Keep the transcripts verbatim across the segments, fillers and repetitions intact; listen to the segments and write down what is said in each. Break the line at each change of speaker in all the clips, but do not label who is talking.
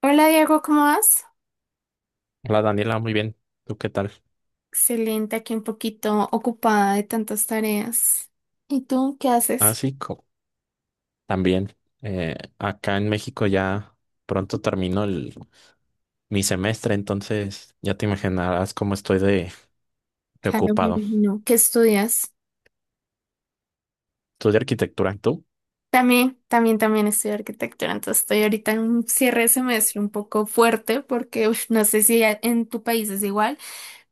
Hola Diego, ¿cómo vas?
Hola Daniela, muy bien. ¿Tú qué tal?
Excelente, aquí un poquito ocupada de tantas tareas. ¿Y tú qué
Ah,
haces?
sí, co- también. Eh, acá en México ya pronto termino el, mi semestre, entonces ya te imaginarás cómo estoy de, de
Claro, me
ocupado.
imagino. ¿Qué estudias?
Estudio arquitectura, ¿tú?
También, también, también estudio arquitectura, entonces estoy ahorita en un cierre de semestre un poco fuerte porque uf, no sé si a- en tu país es igual.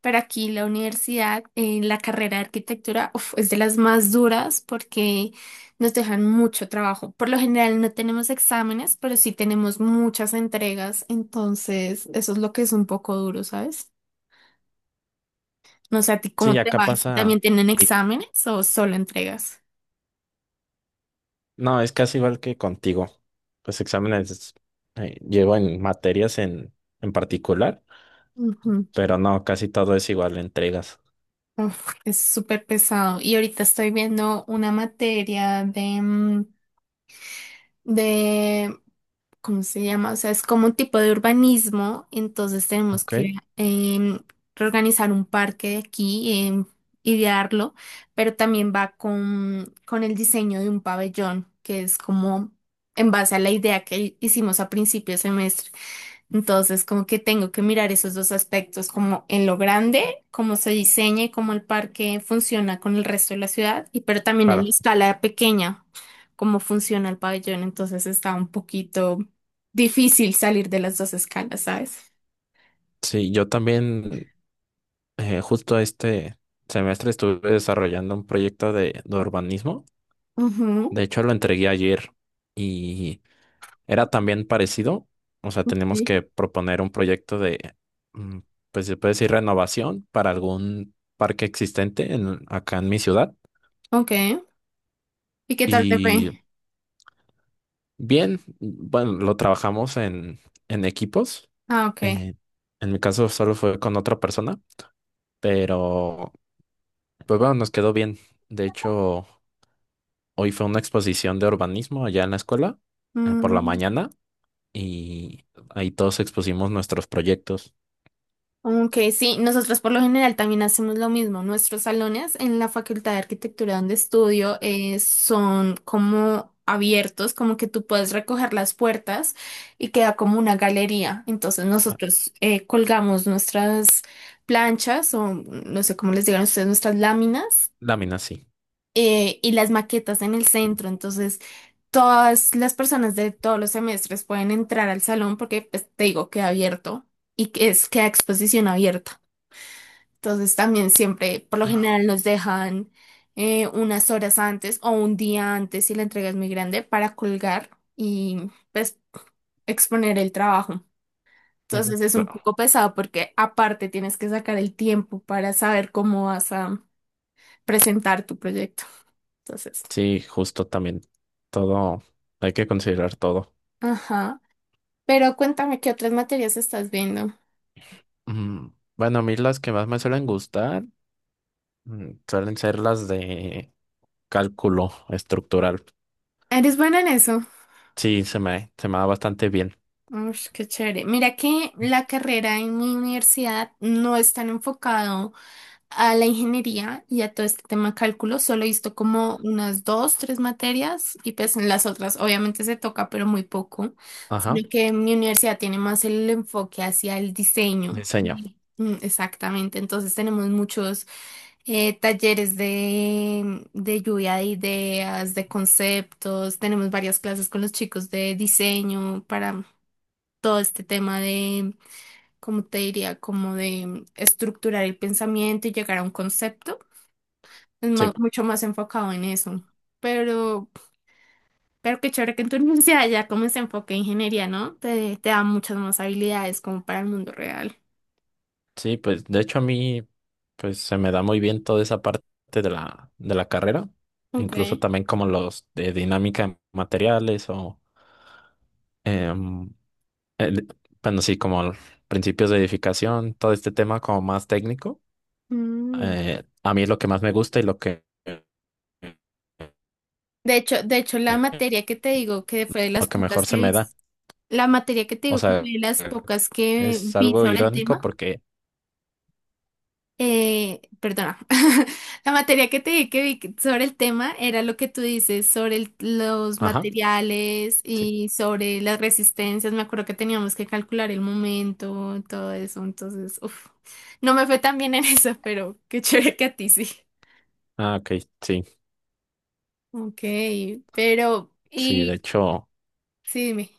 Pero aquí la universidad, en la carrera de arquitectura, uf, es de las más duras porque nos dejan mucho trabajo. Por lo general no tenemos exámenes, pero sí tenemos muchas entregas, entonces eso es lo que es un poco duro, ¿sabes? No sé a ti cómo
Sí,
te
acá
va, si también
pasa.
tienen
y-
exámenes o solo entregas.
no, es casi igual que contigo. Los exámenes eh, llevo en materias en, en particular,
Ujú.
pero no, casi todo es igual, entregas.
Uf, es súper pesado. Y ahorita estoy viendo una materia de, mm, de ¿cómo se llama? O sea, es como un tipo de urbanismo, entonces tenemos
Ok,
que em, reorganizar un parque de aquí, em, idearlo, pero también va con, con el diseño de un pabellón, que es como en base a la idea que hicimos a principio de semestre. Entonces, como que tengo que mirar esos dos aspectos, como en lo grande, cómo se diseña y cómo el parque funciona con el resto de la ciudad, y pero también en la
claro.
escala pequeña, cómo funciona el pabellón. Entonces está un poquito difícil salir de las dos escalas, ¿sabes?
Sí, yo también, eh, justo este semestre estuve desarrollando un proyecto de, de urbanismo.
Ujú.
De hecho, lo entregué ayer y era también parecido. O sea, tenemos
Sí.
que proponer un proyecto de, mm, pues se puede decir, renovación para algún parque existente en- acá en mi ciudad.
Ok. ¿Y qué tal te
Y
fue?
bien, bueno, lo trabajamos en, en equipos.
Ah, ok.
eh, en mi caso solo fue con otra persona, pero pues bueno, nos quedó bien. De hecho, hoy fue una exposición de urbanismo allá en la escuela, eh, por la
Mm,
mañana, y ahí todos expusimos nuestros proyectos.
ok, sí, nosotros por lo general también hacemos lo mismo. Nuestros salones en la Facultad de Arquitectura donde estudio eh, son como abiertos, como que tú puedes recoger las puertas y queda como una galería. Entonces nosotros eh, colgamos nuestras planchas o no sé cómo les digan ustedes, nuestras láminas
Láminas, sí.
eh, y las maquetas en el centro. Entonces... Todas las personas de todos los semestres pueden entrar al salón porque, pues, te digo, queda abierto y que es, queda exposición abierta. Entonces también siempre, por lo general, nos dejan eh, unas horas antes o un día antes si la entrega es muy grande para colgar y, pues, exponer el trabajo.
Ujú.
Entonces es un
Claro.
poco pesado porque aparte tienes que sacar el tiempo para saber cómo vas a presentar tu proyecto. Entonces,
Sí, justo también. Todo, hay que considerar todo.
ajá. Pero cuéntame qué otras materias estás viendo.
Mm, Bueno, a mí las que más me suelen gustar mm, suelen ser las de cálculo estructural.
Eres buena en eso.
Sí, se me, se me da bastante bien.
Ush, qué chévere. Mira que la carrera en mi universidad no es tan enfocado a la ingeniería y a todo este tema cálculo, solo he visto como unas dos, tres materias y pues en las otras obviamente se toca, pero muy poco,
Ajá,
sino que mi universidad tiene más el enfoque hacia el diseño.
diseño.
Sí. Mm, exactamente, entonces tenemos muchos eh, talleres de, de lluvia de ideas, de conceptos, tenemos varias clases con los chicos de diseño para todo este tema como te diría, como de mm, estructurar el pensamiento y llegar a un concepto. Es ma-
Sí.
mucho más enfocado en eso. Pero, pero qué chévere que en tu universidad ya como se enfoque en ingeniería, ¿no? Te, te da muchas más habilidades como para el mundo real.
Sí, pues de hecho a mí pues se me da muy bien toda esa parte de la, de la carrera,
Ok.
incluso también como los de dinámica de materiales o, em, el- bueno, sí, como el- principios de edificación, todo este tema como más técnico.
Mm.
Eh, a mí es lo que más me gusta y lo que,
De hecho, de hecho, la materia que te digo que fue de las
lo que
pocas
mejor
que
se
vi,
me da.
la materia que te
O
digo que fue
sea,
de las pocas que
es
vi
algo
sobre el
irónico
tema.
porque,
Eh, perdona, la materia que te di que vi que- sobre el tema era lo que tú dices sobre el- los
ajá,
materiales
sí,
y sobre las resistencias. Me acuerdo que teníamos que calcular el momento, todo eso. Entonces, uf, no me fue tan bien en eso, pero qué chévere que a ti sí.
ah, ok, sí,
Ok, pero,
sí, de
y
hecho.
sí, dime.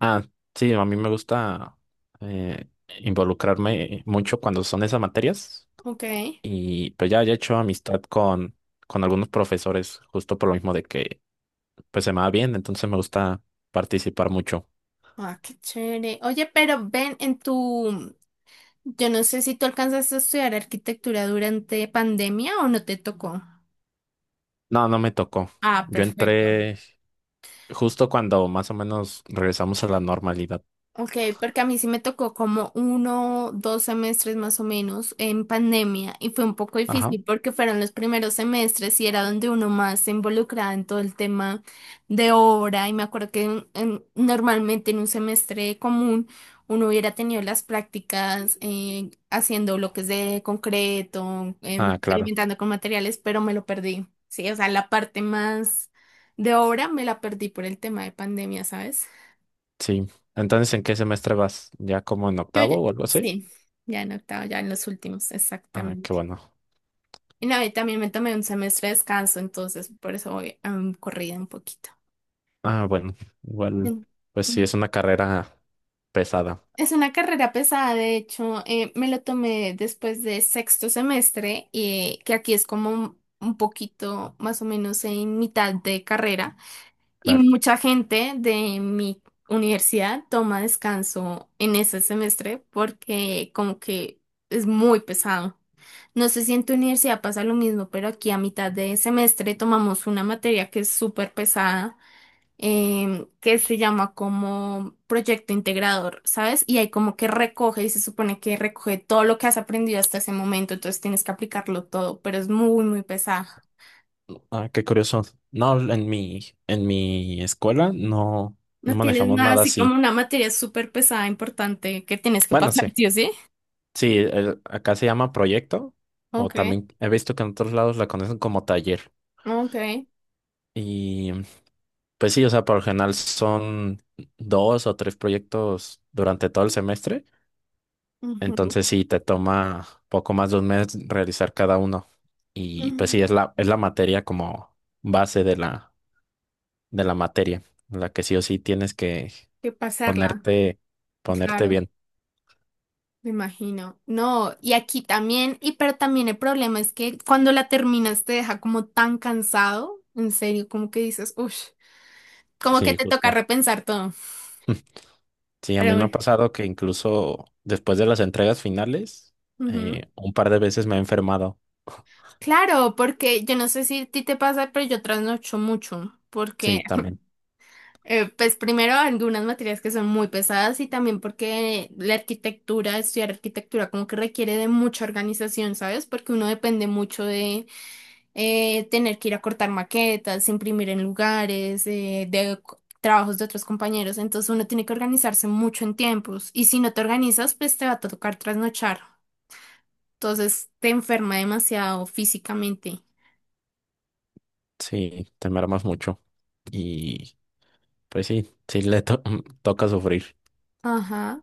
Ah, sí, a mí me gusta, eh, involucrarme mucho cuando son esas materias
Ok,
y pues ya, ya he hecho amistad con, con algunos profesores justo por lo mismo de que pues se me va bien, entonces me gusta participar mucho.
ah, qué chévere. Oye, pero ven en tu, yo no sé si tú alcanzaste a estudiar arquitectura durante pandemia o no te tocó.
No, no me tocó.
Ah,
Yo
perfecto.
entré justo cuando más o menos regresamos a la normalidad.
Ok, porque a mí sí me tocó como uno, dos semestres más o menos en pandemia y fue un poco
Ajá.
difícil porque fueron los primeros semestres y era donde uno más se involucraba en todo el tema de obra y me acuerdo que en- en- normalmente en un semestre común uno hubiera tenido las prácticas eh, haciendo bloques de concreto, em,
Ah, claro,
experimentando con materiales, pero me lo perdí. Sí, o sea, la parte más de obra me la perdí por el tema de pandemia, ¿sabes?
sí. Entonces, ¿en qué semestre vas? ¿Ya como en
Yo, ya-
octavo o algo así?
sí, ya en octavo, ya en los últimos,
Ah, qué
exactamente.
bueno.
Y no, y también me tomé un semestre de descanso, entonces por eso voy mm, corrida un poquito.
Ah, bueno, igual,
Mm,
pues sí, es
mm.
una carrera pesada.
Es una carrera pesada, de hecho, eh, me lo tomé después de sexto semestre, y que aquí es como un, un poquito más o menos en mitad de carrera. Y
Claro.
mucha gente de mi universidad toma descanso en ese semestre porque como que es muy pesado. No sé si en tu universidad pasa lo mismo, pero aquí a mitad de semestre tomamos una materia que es súper pesada, em, que se llama como proyecto integrador, ¿sabes? Y ahí como que recoge y se supone que recoge todo lo que has aprendido hasta ese momento, entonces tienes que aplicarlo todo, pero es muy, muy pesado.
Ah, qué curioso. No, en mi, en mi escuela no, no
No tienes
manejamos
nada
nada
así como
así.
una materia súper pesada, importante que tienes que
Bueno,
pasar,
sí.
¿sí o sí?
Sí, el- acá se llama proyecto, o
Ok,
también he visto que en otros lados la conocen como taller.
ok.
Y pues sí, o sea, por lo general son dos o tres proyectos durante todo el semestre.
Ujú,
Entonces sí, te toma poco más de un mes realizar cada uno. Y pues
ujú,
sí, es la, es la materia como base de la, de la materia, la que sí o sí tienes que
que pasarla,
ponerte, ponerte
claro,
bien.
me imagino. No, y aquí también, y pero también el problema es que cuando la terminas te deja como tan cansado, en serio, como que dices, uff, como que
Sí,
te toca
justo.
repensar todo.
Sí, a
Pero
mí me ha
bueno.
pasado que incluso después de las entregas finales,
Ujú.
eh, un par de veces me he enfermado.
Claro, porque yo no sé si a ti te pasa, pero yo trasnocho mucho,
Sí,
porque
también.
Eh, pues primero algunas materias que son muy pesadas y también porque la arquitectura, estudiar arquitectura como que requiere de mucha organización, ¿sabes? Porque uno depende mucho de eh, tener que ir a cortar maquetas, imprimir en lugares, eh, de co- trabajos de otros compañeros, entonces uno tiene que organizarse mucho en tiempos y si no te organizas, pues te va a tocar trasnochar, entonces te enferma demasiado físicamente.
Sí, te mermas mucho. Y pues sí, sí le to- toca sufrir.
Ajá,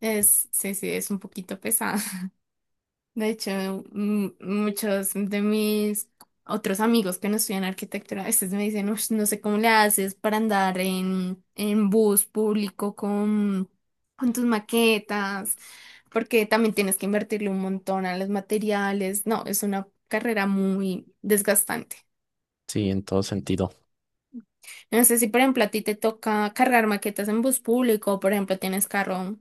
es, sí, sí, es un poquito pesado. De hecho, m- muchos de mis otros amigos que no estudian arquitectura a veces me dicen, "Ush, no sé cómo le haces para andar en, en bus público con, con tus maquetas, porque también tienes que invertirle un montón a los materiales. No, es una carrera muy desgastante.
Sí, en todo sentido.
No sé si, por ejemplo, a ti te toca cargar maquetas en bus público, o, por ejemplo, tienes carro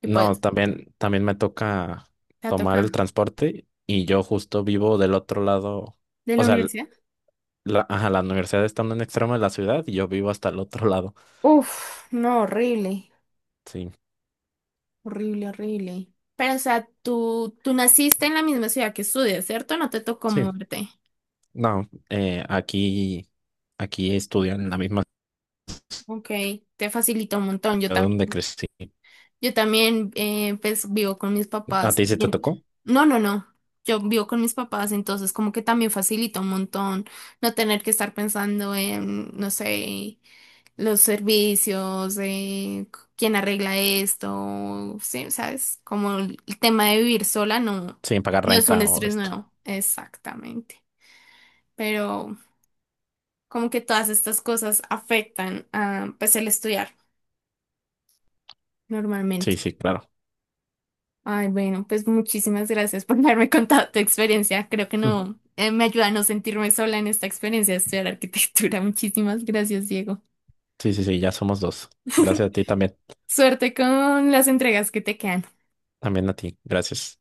y
No,
pues
también, también me toca
te
tomar
toca
el transporte y yo justo vivo del otro lado.
de
O
la
sea,
universidad.
la, ajá, la universidad está en un extremo de la ciudad y yo vivo hasta el otro lado.
Uf, no, horrible.
Sí,
Horrible, horrible. Pero, o sea, tú, tú naciste en la misma ciudad que estudias, ¿cierto? No te tocó
sí.
moverte.
No, eh, aquí, aquí estudian en la misma
Ok, te facilitó un montón. Yo
ciudad
también,
donde crecí.
yo también, eh, pues, vivo con mis
¿A
papás.
ti sí te
Bien.
tocó?
No, no, no. Yo vivo con mis papás, entonces como que también facilita un montón no tener que estar pensando en, no sé, los servicios, eh, quién arregla esto, sí, ¿sabes? Como el tema de vivir sola no,
Sin pagar
no es un
renta o
estrés
esto.
nuevo. Exactamente. Pero como que todas estas cosas afectan a, pues el estudiar
Sí,
normalmente.
sí, claro.
Ay, bueno, pues muchísimas gracias por haberme contado tu experiencia. Creo que
Mm.
no, eh, me ayuda a no sentirme sola en esta experiencia de estudiar arquitectura. Muchísimas gracias, Diego.
Sí, sí, sí, ya somos dos. Gracias a ti también.
Suerte con las entregas que te quedan.
También a ti. Gracias.